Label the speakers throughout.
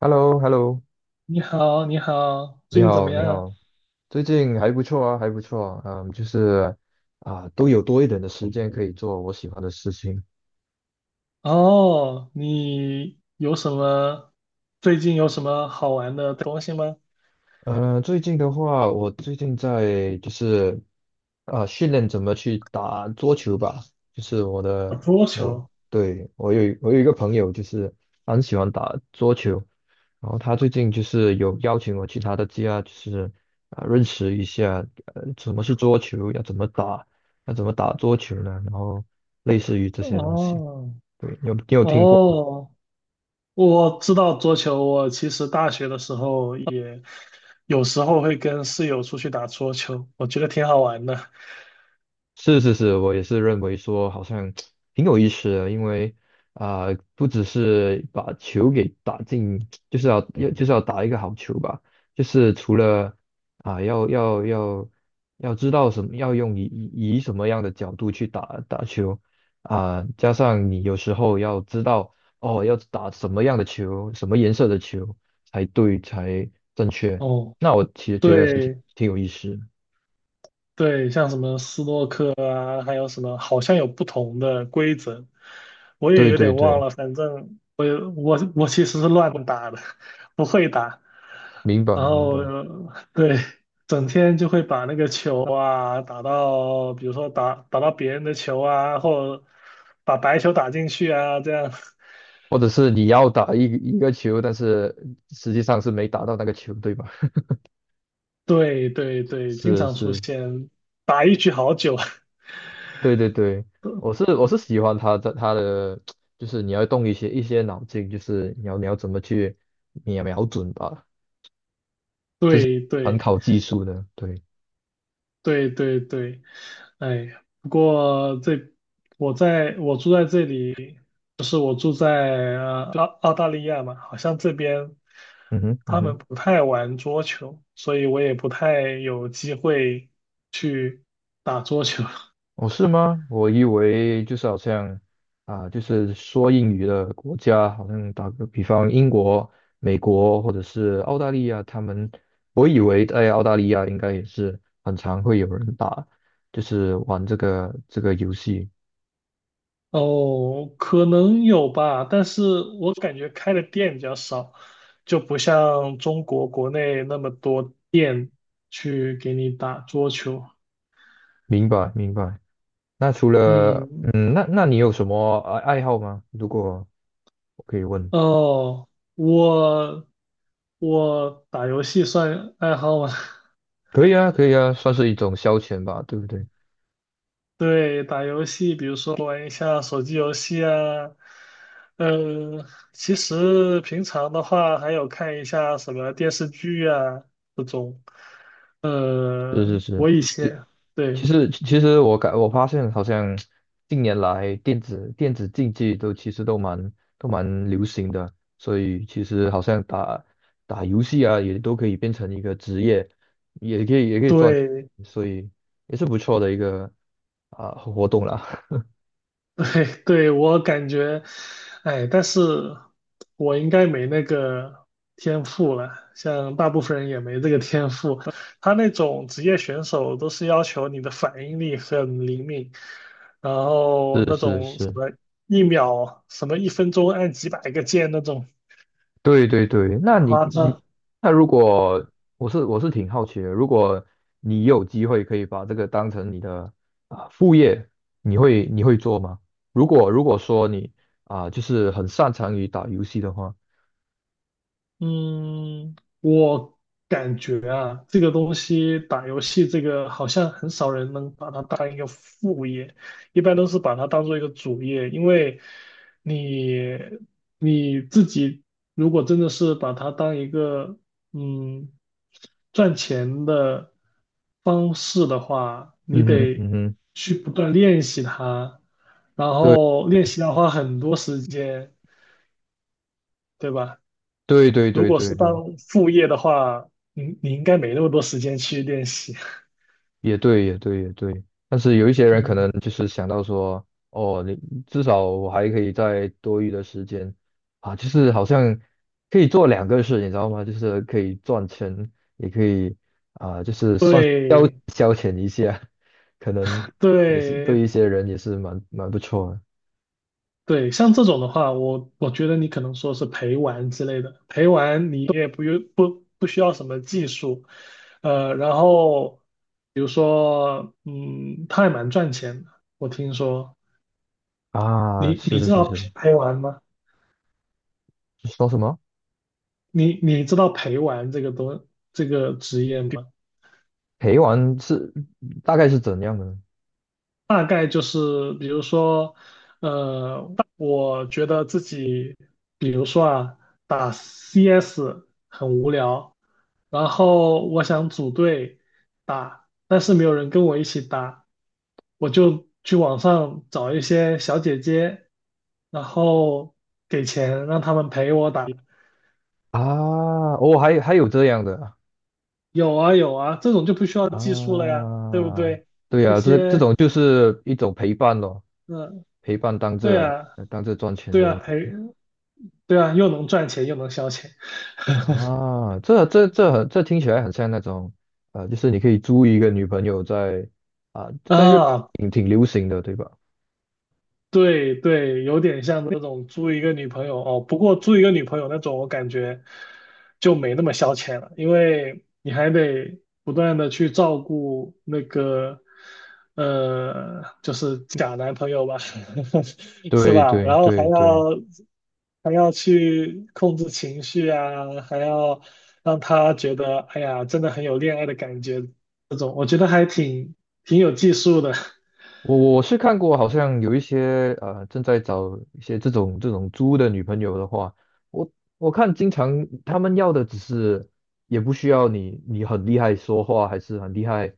Speaker 1: h e l l o h e l l o
Speaker 2: 你好，你好，
Speaker 1: 你
Speaker 2: 最近怎么
Speaker 1: 好，你
Speaker 2: 样啊？
Speaker 1: 好，最近还不错啊，还不错啊，就是啊，都有多一点的时间可以做我喜欢的事情。
Speaker 2: 哦，你有什么，最近有什么好玩的东西吗？
Speaker 1: 最近的话，我最近在就是训练怎么去打桌球吧。就是我
Speaker 2: 啊，
Speaker 1: 的
Speaker 2: 桌
Speaker 1: 我
Speaker 2: 球。
Speaker 1: 对，我有一个朋友，就是他很喜欢打桌球。然后他最近就是有邀请我去他的家，就是认识一下什么是桌球，要怎么打，要怎么打桌球呢？然后类似于这些东西。
Speaker 2: 哦，
Speaker 1: 对，你有听过？
Speaker 2: 哦，我知道桌球。我其实大学的时候也有时候会跟室友出去打桌球，我觉得挺好玩的。
Speaker 1: 是是是，我也是认为说好像挺有意思的。因为不只是把球给打进，就是就是要打一个好球吧。就是除了要要知道什么，要用以什么样的角度去打球。加上你有时候要知道哦，要打什么样的球，什么颜色的球才正确。
Speaker 2: 哦，
Speaker 1: 那我其实觉得是挺
Speaker 2: 对
Speaker 1: 挺有意思的。
Speaker 2: 对，像什么斯诺克啊，还有什么，好像有不同的规则。我也
Speaker 1: 对
Speaker 2: 有
Speaker 1: 对
Speaker 2: 点忘
Speaker 1: 对，
Speaker 2: 了，反正我也我我其实是乱打的，不会打，
Speaker 1: 明白
Speaker 2: 然
Speaker 1: 明
Speaker 2: 后
Speaker 1: 白。
Speaker 2: 对，整天就会把那个球啊打到，比如说打到别人的球啊，或者把白球打进去啊，这样，
Speaker 1: 或者是你要打一个球，但是实际上是没打到那个球，对吧？
Speaker 2: 对对对，经
Speaker 1: 是
Speaker 2: 常出
Speaker 1: 是，
Speaker 2: 现，打一局好久，
Speaker 1: 对对对，我是 我是喜欢他的，就是你要动一些脑筋，就是你要怎么去瞄准吧，
Speaker 2: 对
Speaker 1: 很
Speaker 2: 对。
Speaker 1: 考技术的，对。
Speaker 2: 对对对，哎呀，不过这我在我住在这里，就是我住在澳澳大利亚嘛，好像这边
Speaker 1: 嗯哼嗯
Speaker 2: 他
Speaker 1: 哼。
Speaker 2: 们不太玩桌球，所以我也不太有机会去打桌球。
Speaker 1: 哦，是吗？我以为就是好像就是说英语的国家，好像打个比方，英国、美国或者是澳大利亚，他们，我以为在澳大利亚应该也是很常会有人打，就是玩这个游戏。
Speaker 2: 哦，可能有吧，但是我感觉开的店比较少，就不像中国国内那么多店去给你打桌球。
Speaker 1: 明白，明白。那除了
Speaker 2: 嗯，
Speaker 1: 那你有什么爱好吗？如果我可以问。
Speaker 2: 哦，我我打游戏算爱好吗？
Speaker 1: 可以啊，可以啊，算是一种消遣吧，对不对？
Speaker 2: 对，打游戏，比如说玩一下手机游戏啊，嗯，其实平常的话还有看一下什么电视剧啊这种。呃，
Speaker 1: 是是是。
Speaker 2: 我以前对
Speaker 1: 其实我发现，好像近年来电子竞技其实都蛮流行的。所以其实好像打游戏啊，也都可以变成一个职业，也可以赚。
Speaker 2: 对，
Speaker 1: 所以也是不错的一个活动啦。
Speaker 2: 哎，对，我感觉，哎，但是我应该没那个天赋了，像大部分人也没这个天赋。他那种职业选手都是要求你的反应力很灵敏，然后
Speaker 1: 是
Speaker 2: 那
Speaker 1: 是
Speaker 2: 种什
Speaker 1: 是，
Speaker 2: 么一秒、什么一分钟按几百个键那种
Speaker 1: 对对对。
Speaker 2: 很
Speaker 1: 那你
Speaker 2: 夸
Speaker 1: 你
Speaker 2: 张。
Speaker 1: 那如果我是挺好奇的，如果你有机会可以把这个当成你的副业，你会做吗？如果说你就是很擅长于打游戏的话。
Speaker 2: 嗯，我感觉啊，这个东西打游戏这个好像很少人能把它当一个副业，一般都是把它当做一个主业，因为你你自己如果真的是把它当一个嗯赚钱的方式的话，你
Speaker 1: 嗯哼
Speaker 2: 得
Speaker 1: 嗯哼，
Speaker 2: 去不断练习它，然
Speaker 1: 对
Speaker 2: 后练习要花很多时间，对吧？
Speaker 1: 对对
Speaker 2: 如
Speaker 1: 对
Speaker 2: 果
Speaker 1: 对
Speaker 2: 是
Speaker 1: 对。
Speaker 2: 当副业的话，你应该没那么多时间去练习。
Speaker 1: 也对，也对，也对。但是有一些人可能
Speaker 2: 嗯，
Speaker 1: 就是想到说，哦，你至少我还可以在多余的时间就是好像可以做两个事，你知道吗？就是可以赚钱，也可以
Speaker 2: 对
Speaker 1: 消遣一下。可能也是对一
Speaker 2: 对
Speaker 1: 些人也是蛮不错的
Speaker 2: 对，像这种的话，我觉得你可能说是陪玩之类的，陪玩你也不用不需要什么技术，呃，然后比如说，嗯，它还蛮赚钱的，我听说。
Speaker 1: 啊。
Speaker 2: 你
Speaker 1: 是
Speaker 2: 你
Speaker 1: 是
Speaker 2: 知
Speaker 1: 是
Speaker 2: 道
Speaker 1: 是，
Speaker 2: 陪玩吗？
Speaker 1: 说什么
Speaker 2: 你知道陪玩这个东这个职业吗？
Speaker 1: 陪玩大概是怎样的呢？
Speaker 2: 大概就是，比如说，呃，我觉得自己，比如说啊，打 CS 很无聊，然后我想组队打，但是没有人跟我一起打，我就去网上找一些小姐姐，然后给钱让他们陪我打。
Speaker 1: 啊？哦，还有这样的
Speaker 2: 有啊有啊，这种就不需要技术了呀，对不
Speaker 1: 啊，
Speaker 2: 对？
Speaker 1: 对
Speaker 2: 那
Speaker 1: 呀，这这
Speaker 2: 些，
Speaker 1: 种就是一种陪伴咯，
Speaker 2: 嗯、
Speaker 1: 陪伴
Speaker 2: 对啊，
Speaker 1: 当这赚钱
Speaker 2: 对啊，
Speaker 1: 的
Speaker 2: 陪，对啊，又能赚钱又能消遣。
Speaker 1: 啊。这听起来很像那种，就是你可以租一个女朋友啊，在日本
Speaker 2: 啊，
Speaker 1: 挺流行的，对吧？
Speaker 2: 对对，有点像那种租一个女朋友哦。不过租一个女朋友那种，我感觉就没那么消遣了，因为你还得不断的去照顾那个，就是假男朋友吧，是
Speaker 1: 对
Speaker 2: 吧？
Speaker 1: 对
Speaker 2: 然后还
Speaker 1: 对对。
Speaker 2: 要还要去控制情绪啊，还要让他觉得，哎呀，真的很有恋爱的感觉，这种我觉得还挺有技术的，
Speaker 1: 我是看过，好像有一些正在找一些这种猪的女朋友的话，我我看经常他们要的只是也不需要你很厉害说话，还是很厉害，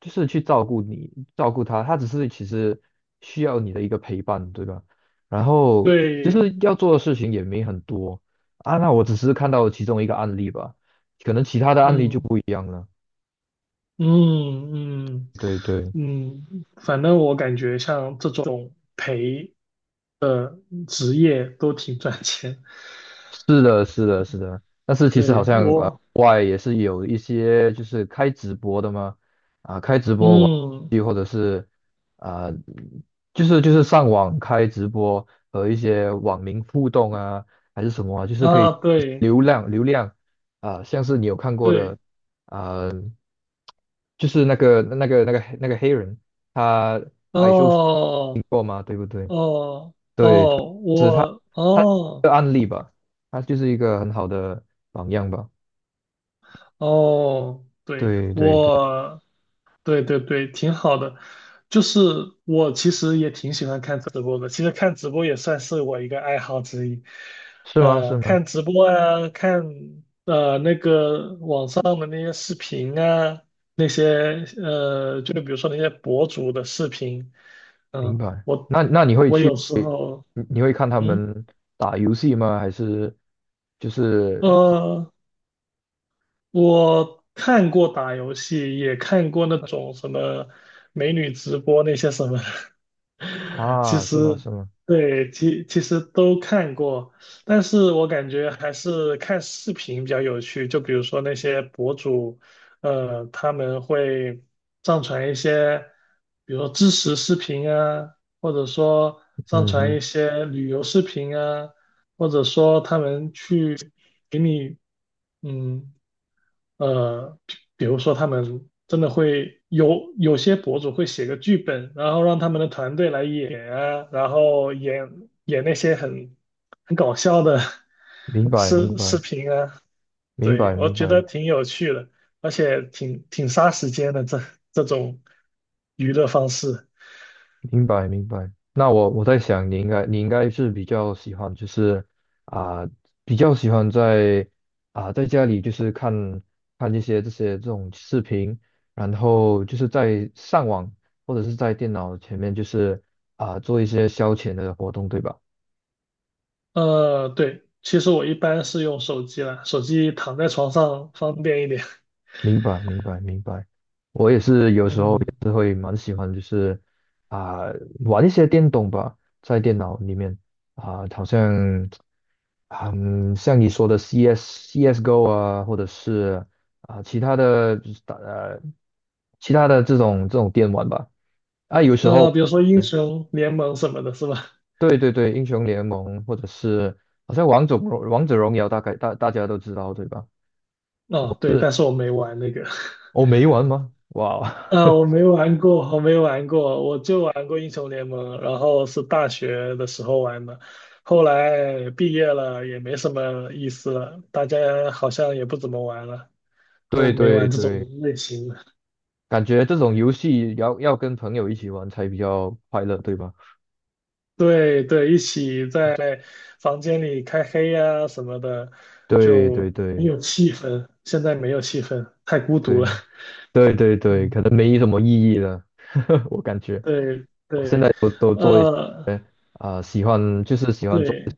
Speaker 1: 就是去照顾你照顾他，他只是其实需要你的一个陪伴，对吧？然 后就
Speaker 2: 对。
Speaker 1: 是要做的事情也没很多那我只是看到其中一个案例吧，可能其他的案例就
Speaker 2: 嗯，
Speaker 1: 不一样了。
Speaker 2: 嗯嗯
Speaker 1: 对对。
Speaker 2: 嗯，反正我感觉像这种陪职业都挺赚钱。
Speaker 1: 是的，是的，是的。但是其实好
Speaker 2: 对
Speaker 1: 像
Speaker 2: 我，
Speaker 1: 国外也是有一些就是开直播的嘛，开直播玩
Speaker 2: 嗯
Speaker 1: 游戏或者是啊、就是上网开直播和一些网民互动啊，还是什么啊，就是可以
Speaker 2: 啊，对
Speaker 1: 流量像是你有看过
Speaker 2: 对，
Speaker 1: 的啊、就是那个黑人。他矮修
Speaker 2: 哦
Speaker 1: 过嘛，对不对？
Speaker 2: 哦
Speaker 1: 对。
Speaker 2: 哦，我
Speaker 1: 他的
Speaker 2: 哦
Speaker 1: 案例吧，他就是一个很好的榜样吧。
Speaker 2: 哦，对
Speaker 1: 对对对，
Speaker 2: 我。对对对，挺好的。就是我其实也挺喜欢看直播的，其实看直播也算是我一个爱好之一。
Speaker 1: 是吗？是
Speaker 2: 呃，
Speaker 1: 吗？
Speaker 2: 看直播啊，看那个网上的那些视频啊，那些就比如说那些博主的视频，嗯、
Speaker 1: 明白。
Speaker 2: 我
Speaker 1: 那你会
Speaker 2: 我
Speaker 1: 去，
Speaker 2: 有时候，
Speaker 1: 你会看他
Speaker 2: 嗯
Speaker 1: 们打游戏吗？还是就是
Speaker 2: 呃，我看过打游戏，也看过那种什么美女直播那些什么的 其
Speaker 1: 啊？是吗？
Speaker 2: 实
Speaker 1: 是吗？
Speaker 2: 对，其实都看过，但是我感觉还是看视频比较有趣。就比如说那些博主，呃，他们会上传一些，比如说知识视频啊，或者说上
Speaker 1: 嗯
Speaker 2: 传一
Speaker 1: 哼，
Speaker 2: 些旅游视频啊，或者说他们去给你。嗯，呃，比如说他们真的会有些博主会写个剧本，然后让他们的团队来演啊，然后演演那些很很搞笑的
Speaker 1: 明 白明
Speaker 2: 视
Speaker 1: 白
Speaker 2: 频啊，
Speaker 1: 明白
Speaker 2: 对，我
Speaker 1: 明
Speaker 2: 觉得
Speaker 1: 白。
Speaker 2: 挺有趣的，而且挺杀时间的这这种娱乐方式。
Speaker 1: 明白明白。那我我在想，你应该是比较喜欢，就是啊、比较喜欢在在家里就是看看一些这些这种视频，然后就是在上网或者是在电脑前面，就是做一些消遣的活动，对吧？
Speaker 2: 呃，对，其实我一般是用手机啦，手机躺在床上方便一点。
Speaker 1: 明白明白明白。我也是有时候
Speaker 2: 嗯，
Speaker 1: 啊、玩一些电动吧，在电脑里面好像像你说的 CS、CS:GO 啊，或者是其他的就是其他的这种电玩吧。啊，有时候
Speaker 2: 那比如说英雄联盟什么的，是吧？
Speaker 1: 对对对，英雄联盟或者是好像王者荣耀，大概大家都知道对吧？
Speaker 2: 哦，对，但是我没玩那个，
Speaker 1: 哦，没玩吗？哇，
Speaker 2: 啊，我 没玩过，我没玩过，我就玩过英雄联盟，然后是大学的时候玩的，后来毕业了也没什么意思了，大家好像也不怎么玩了，都
Speaker 1: 对
Speaker 2: 没
Speaker 1: 对
Speaker 2: 玩这种
Speaker 1: 对，
Speaker 2: 类型的。
Speaker 1: 感觉这种游戏要跟朋友一起玩才比较快乐，对吧？
Speaker 2: 对对，一起在房间里开黑呀、什么的，
Speaker 1: 对对
Speaker 2: 就没
Speaker 1: 对。
Speaker 2: 有气氛，现在没有气氛，太孤独了。
Speaker 1: 对 对对对，
Speaker 2: 嗯，
Speaker 1: 可能没什么意义了，我感觉
Speaker 2: 对
Speaker 1: 我现在
Speaker 2: 对，
Speaker 1: 都做一
Speaker 2: 呃。
Speaker 1: 些喜欢就是喜欢做
Speaker 2: 对，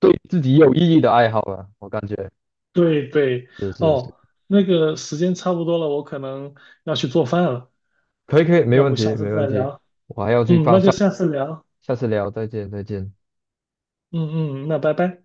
Speaker 1: 对自己有意义的爱好了，我感觉
Speaker 2: 对对，
Speaker 1: 是是是，
Speaker 2: 哦，那个时间差不多了，我可能要去做饭了，
Speaker 1: 可以可以，没
Speaker 2: 要
Speaker 1: 问
Speaker 2: 不
Speaker 1: 题
Speaker 2: 下次
Speaker 1: 没问
Speaker 2: 再
Speaker 1: 题，
Speaker 2: 聊。
Speaker 1: 我还要去
Speaker 2: 嗯，
Speaker 1: 放
Speaker 2: 那就
Speaker 1: 上，
Speaker 2: 下次聊。
Speaker 1: 下次聊，再见再见。
Speaker 2: 嗯嗯，那拜拜。